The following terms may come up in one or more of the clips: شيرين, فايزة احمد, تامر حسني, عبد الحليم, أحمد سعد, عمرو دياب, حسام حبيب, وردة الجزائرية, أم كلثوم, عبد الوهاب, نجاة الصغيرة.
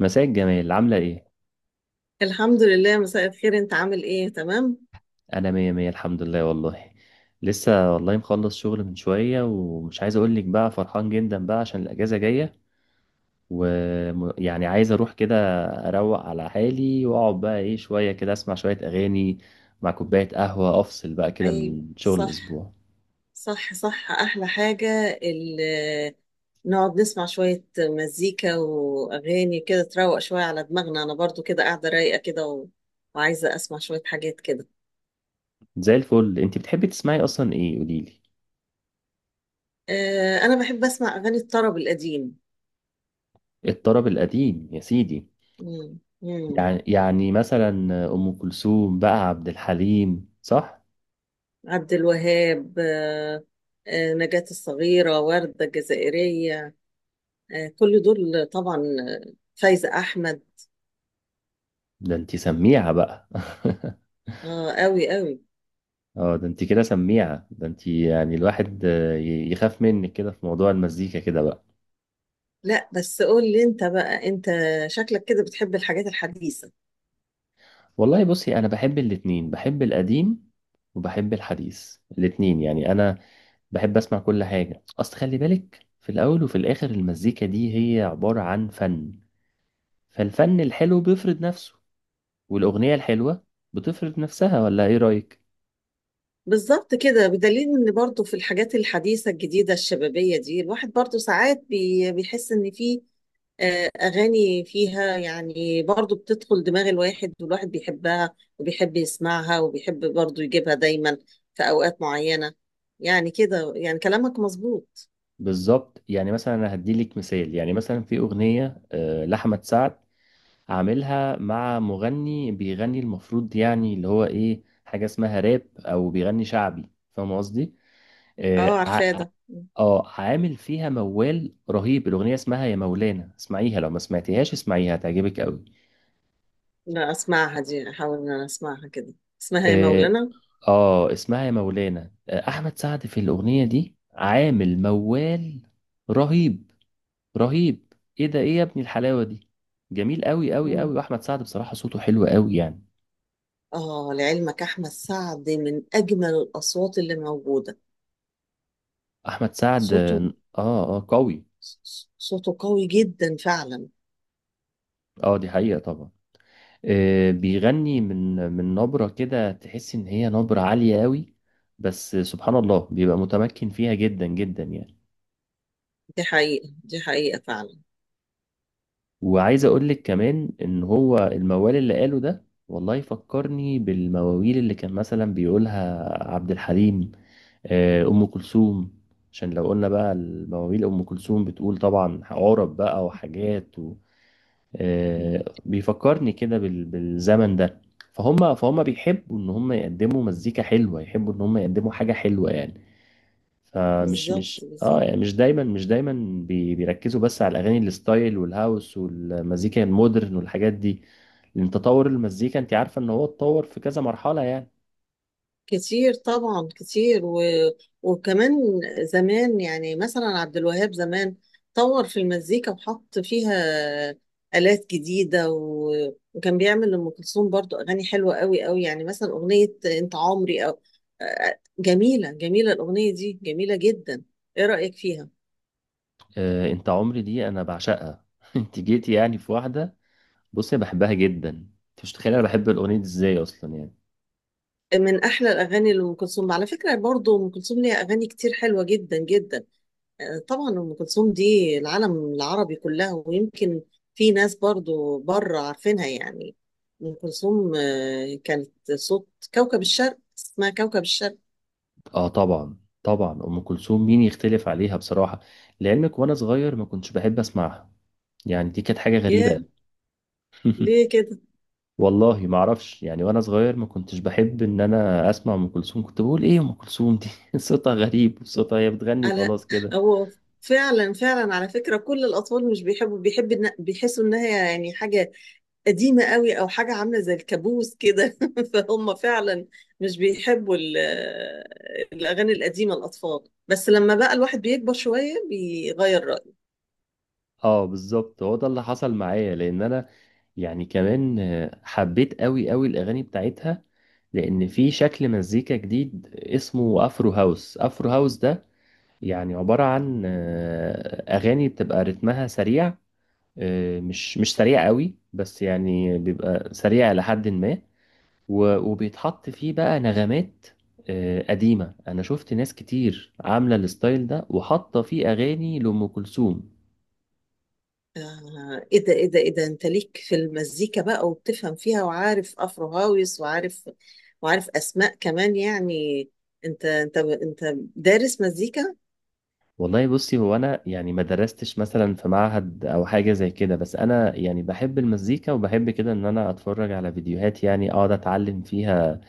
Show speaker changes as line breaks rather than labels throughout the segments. مساء الجمال، عاملة ايه؟
الحمد لله. مساء الخير، انت عامل ايه؟ تمام.
أنا مية مية الحمد لله والله. لسه والله مخلص شغل من شوية ومش عايز أقولك، بقى فرحان جدا بقى عشان الأجازة جاية، ويعني عايز أروح كده، أروق على حالي وأقعد بقى ايه شوية كده أسمع شوية أغاني مع كوباية قهوة، أفصل بقى كده
اي.
من شغل
صح،
الأسبوع.
صح، صح. احلى حاجة. ال- نقعد نسمع شوية مزيكا واغاني كده، تروق شوية على دماغنا. انا برضو كده قاعدة رايقة كده وعايزة اسمع شوية حاجات كده.
زي الفل. انت بتحبي تسمعي أصلا ايه، قوليلي؟
اه، انا بحب اسمع اغاني الطرب القديم.
الطرب القديم يا سيدي.
مم. مم.
يعني مثلا، أم كلثوم بقى، عبد الحليم، صح؟
عبد الوهاب، اه. نجاة الصغيرة، وردة الجزائرية. اه، كل دول طبعا. فايزة احمد.
ده انت سميعة بقى.
اه، قوي قوي.
اه، ده انت كده سميعة، ده انت يعني الواحد يخاف منك كده في موضوع المزيكا كده بقى.
لا، بس قول لي انت بقى. انت شكلك كده بتحب الحاجات الحديثة.
والله بصي، انا بحب الاتنين، بحب القديم وبحب الحديث، الاتنين يعني. انا بحب اسمع كل حاجة، اصل خلي بالك، في الاول وفي الاخر المزيكا دي هي عبارة عن فن، فالفن الحلو بيفرض نفسه والاغنية الحلوة بتفرض نفسها. ولا ايه رأيك؟
بالظبط كده، بدليل ان برضو في الحاجات الحديثة الجديدة الشبابية دي الواحد برضو ساعات بيحس ان في اغاني فيها، يعني برضو بتدخل دماغ الواحد، والواحد بيحبها وبيحب يسمعها وبيحب برضو يجيبها دايما في اوقات معينة. يعني كده، يعني كلامك مظبوط.
بالظبط. يعني مثلا انا هديلك مثال، يعني مثلا في اغنية لأحمد سعد، عاملها مع مغني بيغني المفروض يعني اللي هو ايه، حاجة اسمها راب او بيغني شعبي، فاهم قصدي؟ اه
اه،
ع-
عارفاه ده.
عامل فيها موال رهيب. الاغنية اسمها يا مولانا، اسمعيها، لو ما سمعتيهاش اسمعيها هتعجبك قوي.
لا اسمعها دي، احاول ان انا اسمعها كده. اسمها يا
اه.
مولانا.
اسمها يا مولانا. احمد سعد في الاغنية دي عامل موال رهيب، رهيب. ايه ده، ايه يا ابني الحلاوة دي! جميل قوي قوي قوي. واحمد سعد بصراحة صوته حلو قوي يعني.
آه، لعلمك أحمد سعد من أجمل الأصوات اللي موجودة.
احمد سعد،
صوته.
اه. اه، قوي.
صوته قوي جدا فعلا.
اه دي حقيقة طبعا. بيغني من نبرة كده تحس ان هي نبرة عالية قوي، بس سبحان الله بيبقى متمكن فيها جدا جدا يعني.
دي حقيقة، دي حقيقة فعلا.
وعايز اقول لك كمان ان هو الموال اللي قاله ده، والله فكرني بالمواويل اللي كان مثلا بيقولها عبد الحليم، ام كلثوم. عشان لو قلنا بقى المواويل، ام كلثوم بتقول طبعا عرب بقى وحاجات
مم.
بيفكرني كده بالزمن ده. فهم فهم بيحبوا ان هم يقدموا مزيكا حلوه، يحبوا ان هم يقدموا حاجه حلوه يعني. فمش مش
بالظبط،
اه
بالظبط.
يعني مش دايما، مش دايما بيركزوا بس على الاغاني الستايل والهاوس والمزيكا المودرن والحاجات دي، لان تطور المزيكا، انت عارفه ان هو اتطور في كذا مرحله يعني.
كتير طبعا، كتير وكمان زمان، يعني مثلا عبد الوهاب زمان طور في المزيكا وحط فيها آلات جديدة، وكان بيعمل لأم كلثوم برضو أغاني حلوة قوي قوي. يعني مثلا أغنية أنت عمري، أو جميلة، جميلة الأغنية دي، جميلة جدا. إيه رأيك فيها؟
انت عمري دي انا بعشقها. انت جيتي يعني في واحده! بصي، أنا بحبها جدا، انت مش متخيله انا بحب الاغنيه دي ازاي اصلا يعني.
من أحلى الأغاني لأم كلثوم على فكرة. برضو أم كلثوم ليها أغاني كتير حلوة جدا جدا. طبعا ام كلثوم دي العالم العربي كلها، ويمكن في ناس برضو بره عارفينها يعني. ام كلثوم كانت صوت. كوكب الشرق، اسمها كوكب الشرق.
اه طبعا. طبعا ام كلثوم، مين يختلف عليها بصراحه. لعلمك وانا صغير ما كنتش بحب اسمعها، يعني دي كانت حاجه غريبه
ياه،
أوي.
ليه كده؟
والله ما اعرفش يعني، وانا صغير ما كنتش بحب ان انا اسمع ام كلثوم، كنت بقول ايه ام كلثوم دي؟ صوتها غريب، صوتها هي بتغني
على
وخلاص كده.
هو. فعلا، فعلا، على فكرة كل الأطفال مش بيحبوا، بيحسوا إنها يعني حاجة قديمة قوي، أو حاجة عاملة زي الكابوس كده فهم فعلا مش بيحبوا الأغاني القديمة، الأطفال. بس لما بقى الواحد بيكبر شوية بيغير رأيه.
اه بالظبط، هو ده اللي حصل معايا، لان انا يعني كمان حبيت قوي قوي الاغاني بتاعتها، لان في شكل مزيكا جديد اسمه افرو هاوس. افرو هاوس ده يعني عبارة عن أغاني بتبقى رتمها سريع. مش سريع قوي بس يعني، بيبقى سريع لحد ما وبيتحط فيه بقى نغمات قديمة. أنا شفت ناس كتير عاملة الستايل ده وحاطة فيه أغاني لأم كلثوم.
ايه ده، ايه ده، ايه ده! انت ليك في المزيكا بقى وبتفهم فيها، وعارف افرو هاويس، وعارف اسماء كمان يعني. انت دارس مزيكا؟
والله بصي، هو أنا يعني ما درستش مثلا في معهد أو حاجة زي كده، بس أنا يعني بحب المزيكا وبحب كده إن أنا أتفرج على فيديوهات يعني، أقعد أتعلم فيها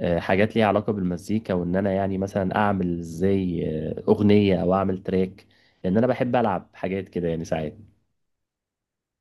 حاجات ليها علاقة بالمزيكا، وان انا يعني مثلا اعمل زي اغنية او اعمل تراك، لان انا بحب العب حاجات كده يعني ساعات.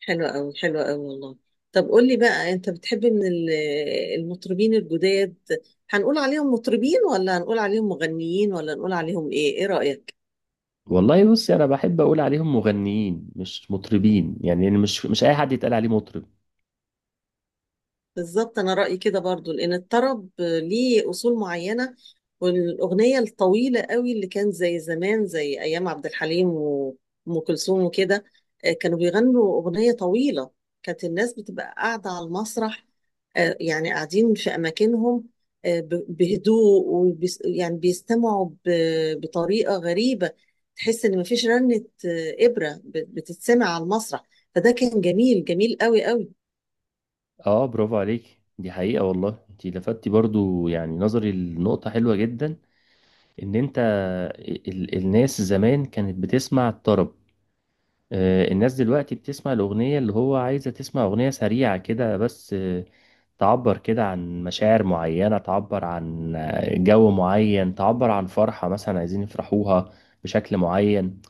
حلوة قوي، حلوة قوي والله. طب قول لي بقى، انت بتحب من المطربين الجداد، هنقول عليهم مطربين، ولا هنقول عليهم مغنيين، ولا نقول عليهم ايه؟ ايه رأيك؟
والله بصي، انا بحب اقول عليهم مغنيين مش مطربين يعني. يعني مش اي حد يتقال عليه مطرب.
بالظبط، انا رايي كده برضو لان الطرب ليه اصول معينه، والاغنيه الطويله قوي اللي كانت زي زمان، زي ايام عبد الحليم وام كلثوم وكده. كانوا بيغنوا اغنيه طويله، كانت الناس بتبقى قاعده على المسرح، يعني قاعدين في اماكنهم، بهدوء وبيس، يعني بيستمعوا بطريقه غريبه، تحس ان مفيش رنه ابره بتتسمع على المسرح. فده كان جميل، جميل قوي قوي.
اه برافو عليك. دي حقيقة، والله انت لفتي برضو يعني نظري لنقطة حلوة جدا. ان انت ال الناس زمان كانت بتسمع الطرب، الناس دلوقتي بتسمع الأغنية اللي هو عايزة، تسمع أغنية سريعة كده بس، تعبر كده عن مشاعر معينة، تعبر عن جو معين، تعبر عن فرحة مثلا عايزين يفرحوها بشكل معين.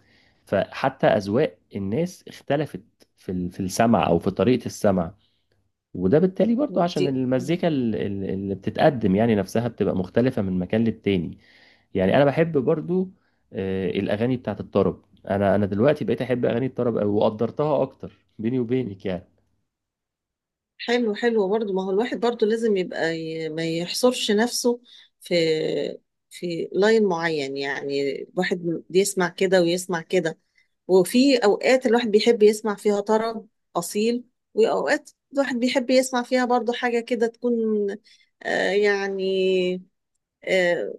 فحتى أذواق الناس اختلفت في في السمع أو في طريقة السمع. وده بالتالي برضو عشان
دي
المزيكا اللي بتتقدم يعني نفسها بتبقى مختلفة من مكان للتاني يعني. أنا بحب برضو الأغاني بتاعت الطرب. أنا دلوقتي بقيت أحب أغاني الطرب أوي وقدرتها أكتر، بيني وبينك يعني.
حلو، حلو برضو، ما هو الواحد برضو لازم يبقى ما يحصرش نفسه في لاين معين، يعني الواحد بيسمع كده ويسمع كده، وفي اوقات الواحد بيحب يسمع فيها طرب اصيل، واوقات الواحد بيحب يسمع فيها برضو حاجة كده تكون، يعني آه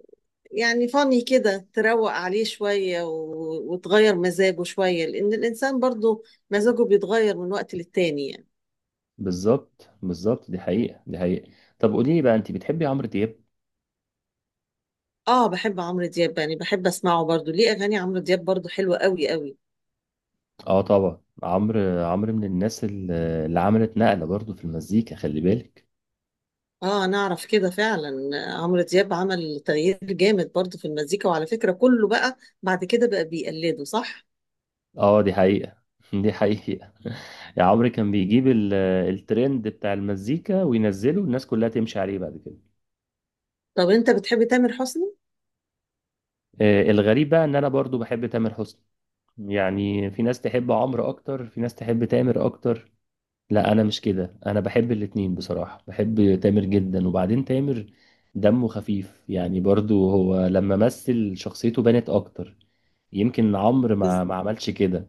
يعني فاني كده تروق عليه شوية، وتغير مزاجه شوية، لأن الإنسان برضو مزاجه بيتغير من وقت للتاني يعني.
بالظبط بالظبط، دي حقيقة دي حقيقة. طب قولي لي بقى، انت بتحبي عمرو دياب؟
اه، بحب عمرو دياب يعني، بحب اسمعه برضو، ليه اغاني عمرو دياب برضو حلوة قوي قوي.
اه طبعا، عمرو عمرو من الناس اللي عملت نقلة برضو في المزيكا، خلي بالك.
اه، انا اعرف كده فعلا. عمرو دياب عمل تغيير جامد برضو في المزيكا، وعلى فكرة كله بقى بعد كده بقى بيقلده، صح.
اه دي حقيقة. دي حقيقة. يا عمرو كان بيجيب الترند بتاع المزيكا وينزله، والناس كلها تمشي عليه بعد كده.
طب انت بتحب تامر حسني؟
الغريب بقى ان انا برضو بحب تامر حسني. يعني في ناس تحب عمرو اكتر، في ناس تحب تامر اكتر. لا انا مش كده، انا بحب الاتنين بصراحة، بحب تامر جدا. وبعدين تامر دمه خفيف يعني، برضو هو لما مثل شخصيته بانت اكتر، يمكن عمرو ما عملش كده.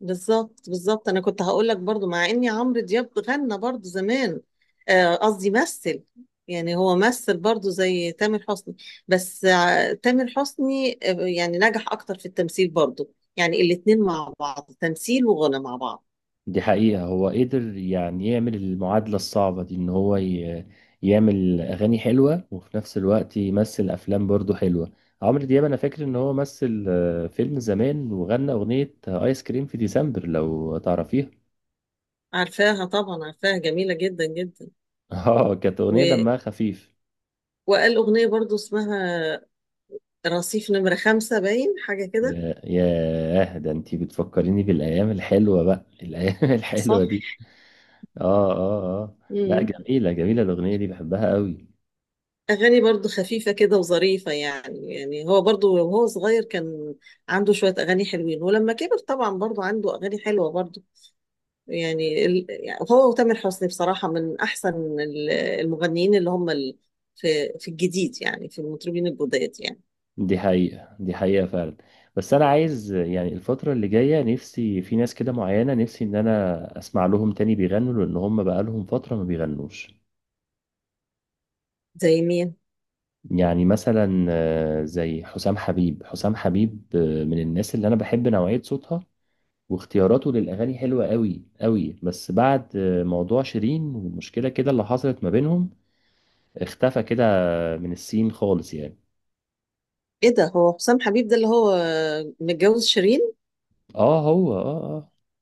بالظبط، بالظبط. انا كنت هقول لك برضو مع اني عمرو دياب غنى برضو زمان، قصدي مثل، يعني هو مثل برضو زي تامر حسني. بس تامر حسني يعني نجح اكتر في التمثيل برضو، يعني الاتنين مع بعض تمثيل وغنى مع بعض.
دي حقيقة، هو قدر يعني يعمل المعادلة الصعبة دي، ان هو يعمل اغاني حلوة وفي نفس الوقت يمثل افلام برضو حلوة. عمرو دياب انا فاكر ان هو مثل فيلم زمان وغنى اغنية ايس كريم في ديسمبر، لو تعرفيها.
عارفاها طبعا، عارفاها، جميلة جدا جدا.
اه كانت اغنية
و...
دمها خفيف.
وقال اغنية برضو اسمها رصيف نمرة خمسة باين، حاجة كده.
ياه ده انتي بتفكريني بالايام الحلوه بقى، الايام
صح؟
الحلوه دي. اه اه اه. لا،
مم.
جميله جميله الاغنيه دي، بحبها قوي.
أغاني برضو خفيفة كده وظريفة يعني. يعني هو برضو وهو صغير كان عنده شوية أغاني حلوين، ولما كبر طبعا برضو عنده أغاني حلوة برضو. يعني يعني هو وتامر حسني بصراحة من أحسن المغنيين، اللي هم في الجديد، يعني في المطربين الجداد يعني.
دي حقيقه دي حقيقه فعلا. بس انا عايز يعني الفتره اللي جايه، نفسي في ناس كده معينه، نفسي ان انا اسمع لهم تاني بيغنوا، لان هم بقى لهم فتره ما بيغنوش.
زي مين؟
يعني مثلا زي حسام حبيب. حسام حبيب من الناس اللي انا بحب نوعيه صوتها واختياراته للاغاني حلوه قوي قوي. بس بعد موضوع شيرين والمشكله كده اللي حصلت ما بينهم، اختفى كده من السين خالص يعني.
إيه ده، هو حسام حبيب ده اللي هو متجوز شيرين؟
اه هو، اه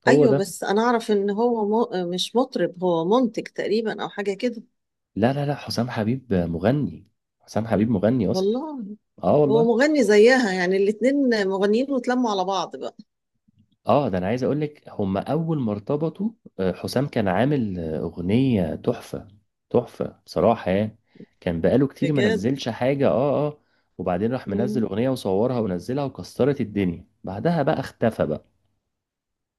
اه، هو
أيوه،
ده.
بس أنا أعرف إن هو مش مطرب، هو منتج تقريبا أو حاجة كده.
لا لا لا، حسام حبيب مغني. حسام حبيب مغني اصلا.
والله.
اه
هو
والله.
مغني زيها، يعني الاتنين مغنيين واتلموا على بعض بقى.
اه، ده انا عايز اقول لك، هم اول ما ارتبطوا حسام كان عامل اغنيه تحفه، تحفه بصراحه يعني. كان بقاله كتير ما
بجد؟
نزلش حاجه. اه اه. وبعدين راح منزل
مم.
اغنيه وصورها ونزلها وكسرت الدنيا، بعدها بقى اختفى بقى.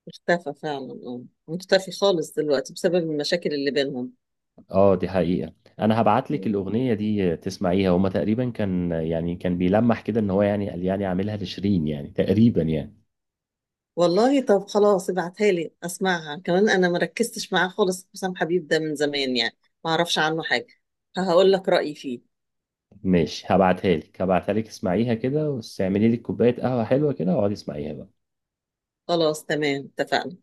اختفى فعلا، اه. مختفي خالص دلوقتي بسبب المشاكل اللي بينهم.
اه دي حقيقه. انا هبعت لك
مم.
الاغنيه دي تسمعيها. هما تقريبا كان يعني كان بيلمح كده ان هو يعني، قال يعني عاملها لشيرين يعني تقريبا يعني.
والله، طب خلاص ابعتها لي اسمعها كمان، انا ما ركزتش معاه خالص. حسام حبيب ده من زمان يعني، ما اعرفش عنه حاجة. هقول لك رأيي فيه.
ماشي، هبعتها لك هبعتها لك، اسمعيها كده، واستعملي لك كوبايه قهوه حلوه كده واقعدي اسمعيها بقى.
خلاص تمام، اتفقنا.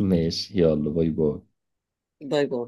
ماشي يلا، باي باي.
باي باي.